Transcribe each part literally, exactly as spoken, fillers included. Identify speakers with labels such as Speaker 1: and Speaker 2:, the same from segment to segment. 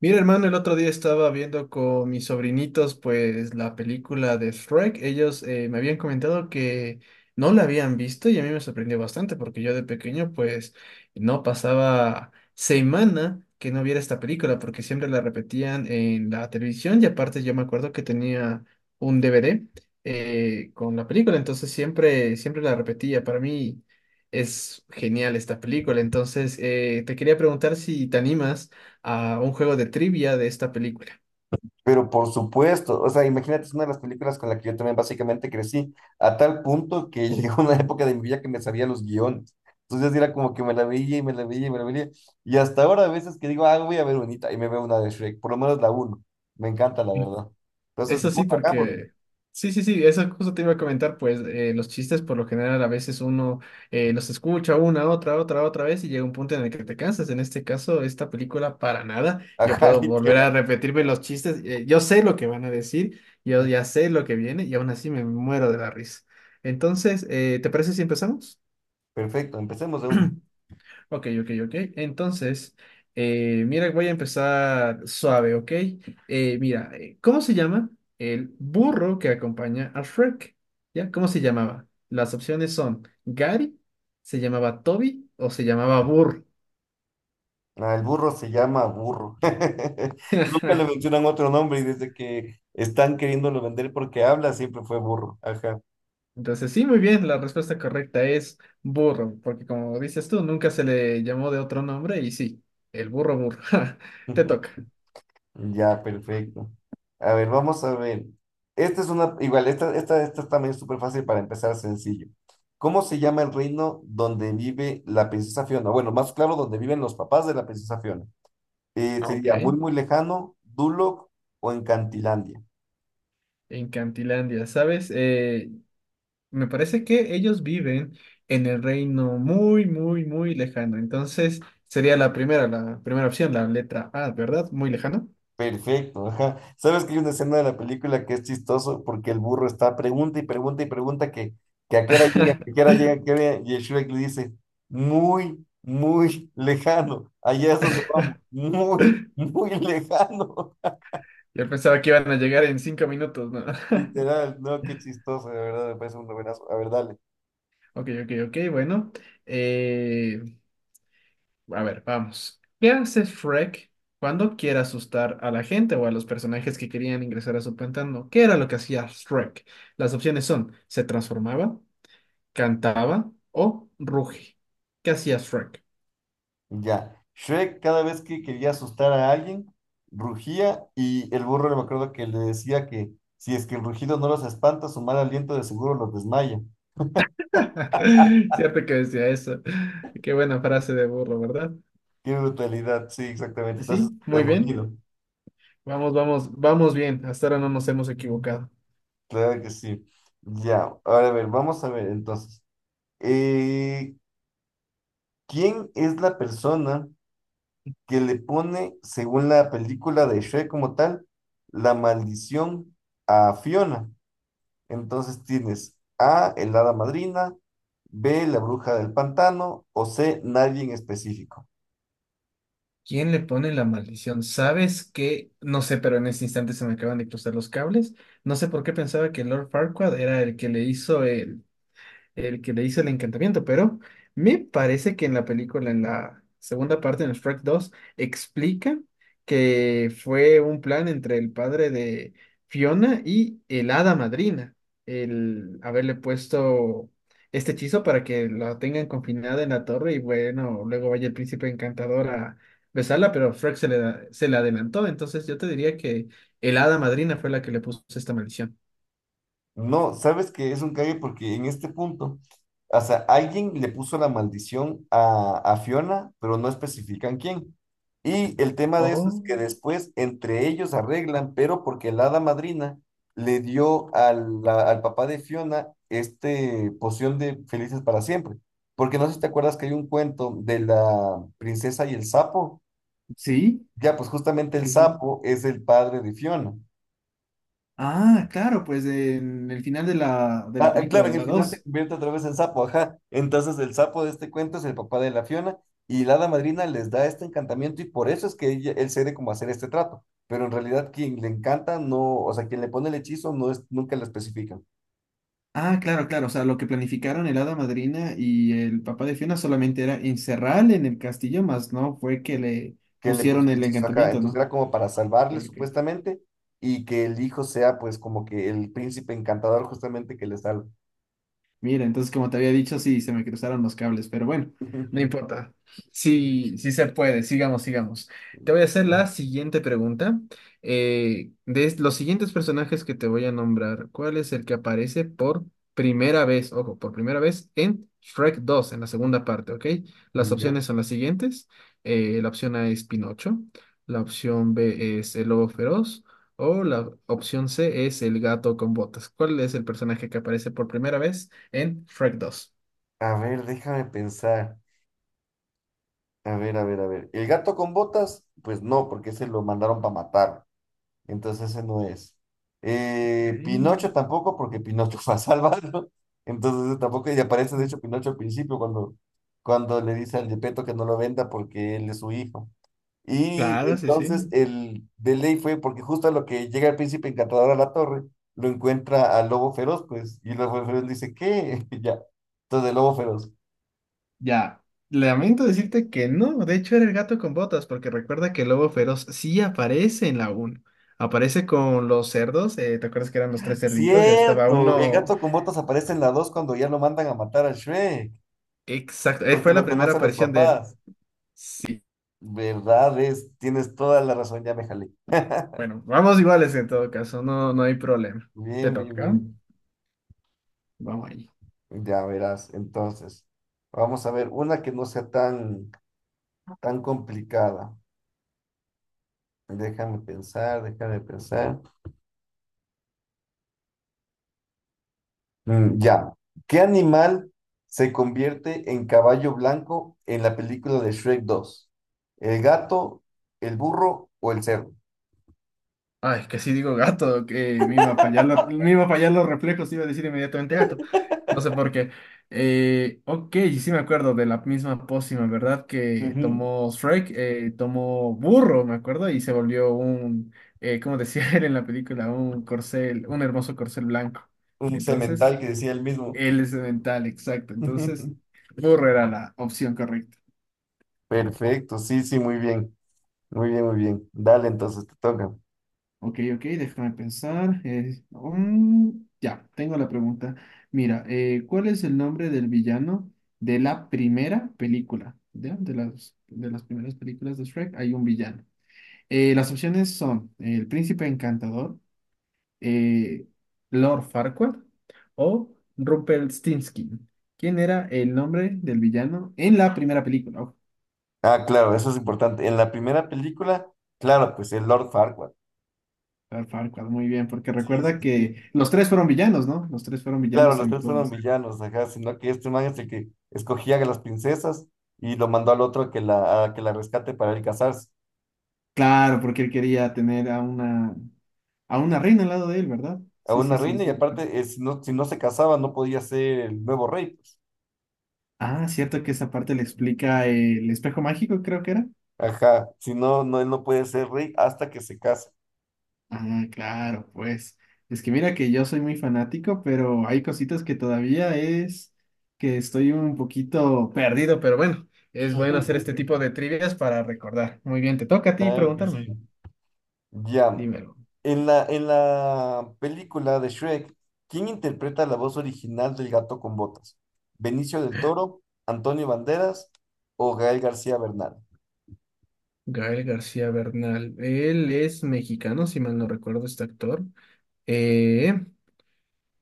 Speaker 1: Mira, hermano, el otro día estaba viendo con mis sobrinitos, pues, la película de Shrek. Ellos eh, me habían comentado que no la habían visto y a mí me sorprendió bastante porque yo de pequeño, pues, no pasaba semana que no viera esta película porque siempre la repetían en la televisión y aparte yo me acuerdo que tenía un D V D eh, con la película, entonces siempre, siempre la repetía. Para mí es genial esta película, entonces eh, te quería preguntar si te animas a un juego de trivia de esta película.
Speaker 2: Pero por supuesto, o sea, imagínate, es una de las películas con la que yo también básicamente crecí, a tal punto que llegó una época de mi vida que me sabía los guiones. Entonces era como que me la veía y me la veía y me la veía. Y hasta ahora a veces que digo, ah, voy a ver bonita y me veo una de Shrek, por lo menos la uno. Me encanta, la verdad. Entonces, de
Speaker 1: Eso
Speaker 2: una,
Speaker 1: sí,
Speaker 2: hagámoslo.
Speaker 1: porque... Sí, sí, sí, eso justo te iba a comentar, pues eh, los chistes por lo general a veces uno eh, los escucha una, otra, otra, otra vez y llega un punto en el que te cansas. En este caso, esta película para nada. Yo
Speaker 2: Ajá,
Speaker 1: puedo volver a
Speaker 2: literal.
Speaker 1: repetirme los chistes. Eh, yo sé lo que van a decir, yo ya sé lo que viene y aún así me muero de la risa. Entonces, eh, ¿te parece si empezamos?
Speaker 2: Perfecto, empecemos de uno.
Speaker 1: Ok, ok, ok. Entonces, eh, mira, voy a empezar suave, ¿ok? Eh, mira, eh, ¿cómo se llama el burro que acompaña a Shrek? ¿Ya? ¿Cómo se llamaba? Las opciones son Gary, se llamaba Toby o se llamaba Burr.
Speaker 2: Ah, el burro se llama burro. Nunca le mencionan otro nombre y desde que están queriéndolo vender porque habla, siempre fue burro. Ajá.
Speaker 1: Entonces, sí, muy bien, la respuesta correcta es burro, porque como dices tú, nunca se le llamó de otro nombre y sí, el burro burro. Te toca.
Speaker 2: Ya, perfecto. A ver, vamos a ver. Esta es una, igual, esta, esta, esta también es súper fácil para empezar sencillo. ¿Cómo se llama el reino donde vive la princesa Fiona? Bueno, más claro, donde viven los papás de la princesa Fiona. Eh,
Speaker 1: Ok.
Speaker 2: sería muy, muy lejano, Duloc o Encantilandia.
Speaker 1: En Cantilandia, ¿sabes? Eh, Me parece que ellos viven en el reino muy, muy, muy lejano. Entonces, sería la primera, la primera opción, la letra A, ¿verdad? Muy lejano.
Speaker 2: Perfecto, ajá. ¿Sabes que hay una escena de la película que es chistoso porque el burro está pregunta y pregunta y pregunta que, que a qué hora llega, que a qué hora llega, que a qué hora llega, y el Shrek le dice, muy, muy lejano, allá es donde vamos, muy, muy lejano.
Speaker 1: Yo pensaba que iban a llegar en cinco minutos, ¿no?
Speaker 2: Literal, no, qué chistoso, de verdad, me parece un novenazo. A ver, dale.
Speaker 1: Ok, ok, ok, bueno. Eh, a ver, vamos. ¿Qué hace Shrek cuando quiere asustar a la gente o a los personajes que querían ingresar a su pantano? ¿Qué era lo que hacía Shrek? Las opciones son, se transformaba, cantaba o ruge. ¿Qué hacía Shrek?
Speaker 2: Ya. Shrek cada vez que quería asustar a alguien, rugía y el burro me acuerdo que le decía que si es que el rugido no los espanta, su mal aliento de seguro los desmaya.
Speaker 1: Cierto que decía eso. Qué buena frase de burro, ¿verdad?
Speaker 2: Qué brutalidad, sí, exactamente.
Speaker 1: Pues
Speaker 2: Entonces,
Speaker 1: sí,
Speaker 2: el
Speaker 1: muy bien.
Speaker 2: rugido,
Speaker 1: Vamos, vamos, vamos bien. Hasta ahora no nos hemos equivocado.
Speaker 2: claro que sí. Ya, ahora a ver, vamos a ver entonces. Eh, ¿quién es la persona que le pone, según la película de Shrek como tal, la maldición a Fiona? Entonces tienes A, el hada madrina, B, la bruja del pantano o C, nadie en específico.
Speaker 1: ¿Quién le pone la maldición? ¿Sabes qué? No sé, pero en este instante se me acaban de cruzar los cables. No sé por qué pensaba que Lord Farquaad era el que le hizo el, el que le hizo el encantamiento, pero me parece que en la película, en la segunda parte, en el Shrek dos explica que fue un plan entre el padre de Fiona y el hada madrina, el haberle puesto este hechizo para que la tengan confinada en la torre y bueno, luego vaya el príncipe encantador a besarla, pero Shrek se le, da- se le adelantó, entonces yo te diría que el hada madrina fue la que le puso esta maldición.
Speaker 2: No, sabes que es un cague porque en este punto, o sea, alguien le puso la maldición a, a Fiona, pero no especifican quién. Y el tema de eso es
Speaker 1: Oh,
Speaker 2: que después entre ellos arreglan, pero porque la hada madrina le dio al, la- al papá de Fiona este poción de felices para siempre. Porque no sé si te acuerdas que hay un cuento de la princesa y el sapo.
Speaker 1: sí,
Speaker 2: Ya, pues justamente el
Speaker 1: sí, sí.
Speaker 2: sapo es el padre de Fiona.
Speaker 1: Ah, claro, pues en el final de la, de la
Speaker 2: Ah, ah,
Speaker 1: película,
Speaker 2: claro,
Speaker 1: de
Speaker 2: que al
Speaker 1: la
Speaker 2: final se
Speaker 1: dos.
Speaker 2: convierte otra vez en sapo, ajá. Entonces el sapo de este cuento es el papá de la Fiona y la hada madrina les da este encantamiento y por eso es que ella- él cede como a hacer este trato. Pero en realidad quien le encanta no, o sea, quien le pone el hechizo no es, nunca lo especifican.
Speaker 1: Ah, claro, claro. O sea, lo que planificaron el Hada Madrina y el papá de Fiona solamente era encerrarle en el castillo, más no fue que le
Speaker 2: Que le puso
Speaker 1: pusieron
Speaker 2: el
Speaker 1: el
Speaker 2: hechizo, ajá.
Speaker 1: encantamiento,
Speaker 2: Entonces
Speaker 1: ¿no?
Speaker 2: era como para
Speaker 1: Ok,
Speaker 2: salvarle
Speaker 1: ok.
Speaker 2: supuestamente y que el hijo sea pues como que el príncipe encantador justamente que le salva.
Speaker 1: Mira, entonces como te había dicho, sí, se me cruzaron los cables, pero bueno, no importa. Sí, sí se puede, sigamos, sigamos. Te voy a hacer la siguiente pregunta. Eh, de es- los siguientes personajes que te voy a nombrar, ¿cuál es el que aparece por primera vez, ojo, por primera vez en Shrek dos, en la segunda parte, ¿ok? Las
Speaker 2: Muy
Speaker 1: opciones
Speaker 2: bien.
Speaker 1: son las siguientes. Eh, la opción A es Pinocho, la opción B es el lobo feroz. O la opción C es el gato con botas. ¿Cuál es el personaje que aparece por primera vez en Shrek dos?
Speaker 2: A ver, déjame pensar. A ver, a ver, a ver. ¿El gato con botas? Pues no, porque ese lo mandaron para matar. Entonces ese no es.
Speaker 1: Ok.
Speaker 2: Eh, Pinocho tampoco, porque Pinocho fue a salvarlo. Entonces ese tampoco. Y aparece, de hecho, Pinocho al principio cuando, cuando le dice al Gepetto que no lo venda porque él es su hijo. Y
Speaker 1: Claro, sí, sí.
Speaker 2: entonces el de ley fue porque justo a lo que llega el príncipe encantador a la torre, lo encuentra al lobo feroz, pues. Y el lobo feroz dice, ¿qué? Y ya. Entonces el lobo feroz.
Speaker 1: Ya, lamento decirte que no, de hecho era el gato con botas, porque recuerda que el lobo feroz sí aparece en la uno. Aparece con los cerdos, eh, ¿te acuerdas que eran los tres cerditos? Ya estaba
Speaker 2: Cierto, el
Speaker 1: uno,
Speaker 2: gato con botas aparece en la dos cuando ya lo mandan a matar a Shrek,
Speaker 1: exacto, eh,
Speaker 2: porque
Speaker 1: fue la
Speaker 2: lo
Speaker 1: primera
Speaker 2: conocen los
Speaker 1: aparición de él.
Speaker 2: papás.
Speaker 1: Sí,
Speaker 2: ¿Verdad? Es, tienes toda la razón, ya me jalé.
Speaker 1: bueno, vamos iguales en todo caso, no, no hay problema. Te
Speaker 2: Bien, bien,
Speaker 1: toca.
Speaker 2: bien.
Speaker 1: Vamos ahí.
Speaker 2: Ya verás. Entonces, vamos a ver una que no sea tan, tan complicada. Déjame pensar, déjame pensar. Mm, ya. ¿Qué animal se convierte en caballo blanco en la película de Shrek dos? ¿El gato, el burro o el cerdo?
Speaker 1: Ay, que si digo gato, que me iba a fallar, lo- me iba a fallar los reflejos, iba a decir inmediatamente gato. No sé por qué. Eh, ok, sí me acuerdo de la misma pócima, ¿verdad? Que
Speaker 2: Ujú.
Speaker 1: tomó Shrek, eh, tomó burro, me acuerdo, y se volvió un, eh, como decía él en la película, un corcel, un hermoso corcel blanco.
Speaker 2: Un
Speaker 1: Entonces,
Speaker 2: semental que decía él mismo.
Speaker 1: él es mental, exacto. Entonces, burro era la opción correcta.
Speaker 2: Perfecto, sí, sí, muy bien, muy bien, muy bien. Dale, entonces te toca.
Speaker 1: Ok, ok, déjame pensar. Eh, mm, ya, tengo la pregunta. Mira, eh, ¿cuál es el nombre del villano de la primera película? ¿Ya? De las, de las primeras películas de Shrek hay un villano. Eh, las opciones son eh, el príncipe encantador, eh, Lord Farquaad o Rumpelstiltskin. ¿Quién era el nombre del villano en la primera película? Oh,
Speaker 2: Ah, claro, eso es importante. En la primera película, claro, pues el Lord Farquaad.
Speaker 1: Lord Farquaad, muy bien, porque
Speaker 2: Sí, sí,
Speaker 1: recuerda
Speaker 2: sí.
Speaker 1: que los tres fueron villanos, ¿no? Los tres fueron
Speaker 2: Claro,
Speaker 1: villanos
Speaker 2: los tres fueron
Speaker 1: entonces.
Speaker 2: villanos, ajá, sino que este man es el que escogía a las princesas y lo mandó al otro a que la, a que la rescate para él casarse,
Speaker 1: Claro, porque él quería tener a una, a una reina al lado de él, ¿verdad?
Speaker 2: a
Speaker 1: Sí, sí,
Speaker 2: una
Speaker 1: sí,
Speaker 2: reina, y
Speaker 1: sí.
Speaker 2: aparte, eh, si no, si no se casaba, no podía ser el nuevo rey, pues.
Speaker 1: Ah, cierto que esa parte le explica el espejo mágico, creo que era.
Speaker 2: Ajá, si no, no, él no puede ser rey hasta que se case.
Speaker 1: Ah, claro, pues. Es que mira que yo soy muy fanático, pero hay cositas que todavía es que estoy un poquito perdido, pero bueno, es bueno hacer este tipo de trivias para recordar. Muy bien, te toca a ti
Speaker 2: Claro que sí.
Speaker 1: preguntarme.
Speaker 2: Ya.
Speaker 1: Dímelo.
Speaker 2: En la, en la película de Shrek, ¿quién interpreta la voz original del gato con botas? ¿Benicio del Toro, Antonio Banderas o Gael García Bernal?
Speaker 1: Gael García Bernal, él es mexicano, si mal no recuerdo, este actor. Eh,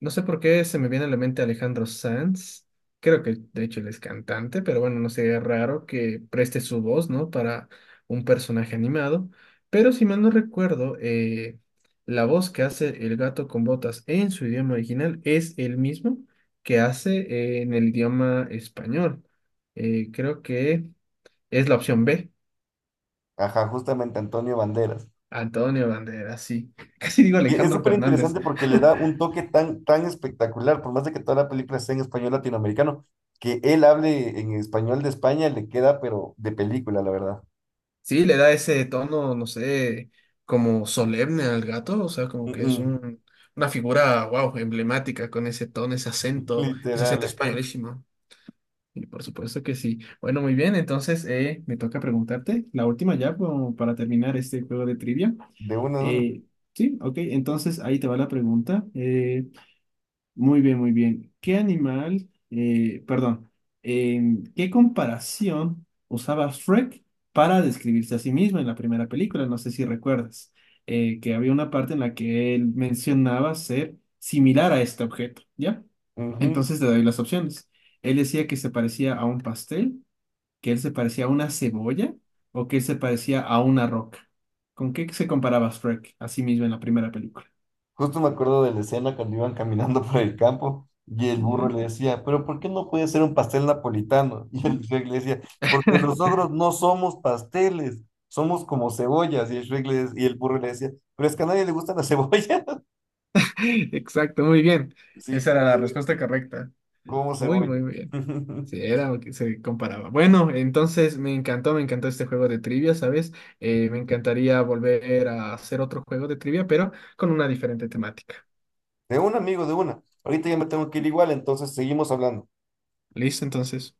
Speaker 1: No sé por qué se me viene a la mente Alejandro Sanz. Creo que de hecho él es cantante, pero bueno, no sería raro que preste su voz, ¿no? Para un personaje animado. Pero si mal no recuerdo, eh, la voz que hace el gato con botas en su idioma original es el mismo que hace eh, en el idioma español. Eh, creo que es la opción B.
Speaker 2: Ajá, justamente Antonio Banderas.
Speaker 1: Antonio Banderas, sí. Casi digo
Speaker 2: Y es
Speaker 1: Alejandro
Speaker 2: súper
Speaker 1: Fernández.
Speaker 2: interesante porque le da un toque tan, tan espectacular, por más de que toda la película sea en español latinoamericano, que él hable en español de España le queda, pero de película, la verdad.
Speaker 1: Sí, le da ese tono, no sé, como solemne al gato, o sea, como
Speaker 2: Mm,
Speaker 1: que es
Speaker 2: mm.
Speaker 1: un, una figura, wow, emblemática con ese tono, ese acento, ese
Speaker 2: Literal,
Speaker 1: acento
Speaker 2: ajá.
Speaker 1: españolísimo. Y por supuesto que sí. Bueno, muy bien, entonces eh, me toca preguntarte, la última ya como para terminar este juego de trivia.
Speaker 2: De uno a uno.
Speaker 1: Eh, sí, ok, entonces ahí te va la pregunta. Eh, muy bien, muy bien. ¿Qué animal, eh, perdón, em, qué comparación usaba Shrek para describirse a sí mismo en la primera película? No sé si recuerdas, eh, que había una parte en la que él mencionaba ser similar a este objeto, ¿ya?
Speaker 2: Ujú.
Speaker 1: Entonces te doy las opciones. Él decía que se parecía a un pastel, que él se parecía a una cebolla o que él se parecía a una roca. ¿Con qué se comparaba Shrek a sí mismo en la primera película?
Speaker 2: Justo me acuerdo de la escena cuando iban caminando por el campo y el burro
Speaker 1: ¿Ya?
Speaker 2: le decía, pero ¿por qué no puede ser un pastel napolitano? Y el Shrek le decía, porque los ogros no somos pasteles, somos como cebollas. Y el Shrek le, y el burro le decía, pero es que a nadie le gustan las cebollas.
Speaker 1: Exacto, muy bien.
Speaker 2: Sí,
Speaker 1: Esa era la respuesta
Speaker 2: exactamente,
Speaker 1: correcta.
Speaker 2: como
Speaker 1: Muy,
Speaker 2: cebolla.
Speaker 1: muy bien.
Speaker 2: De
Speaker 1: Sí, era lo que se comparaba. Bueno, entonces me encantó, me encantó este juego de trivia, ¿sabes? Eh, me encantaría volver a hacer otro juego de trivia, pero con una diferente temática.
Speaker 2: un amigo, de una. Ahorita ya me tengo que ir igual, entonces seguimos hablando.
Speaker 1: ¿Listo? Entonces.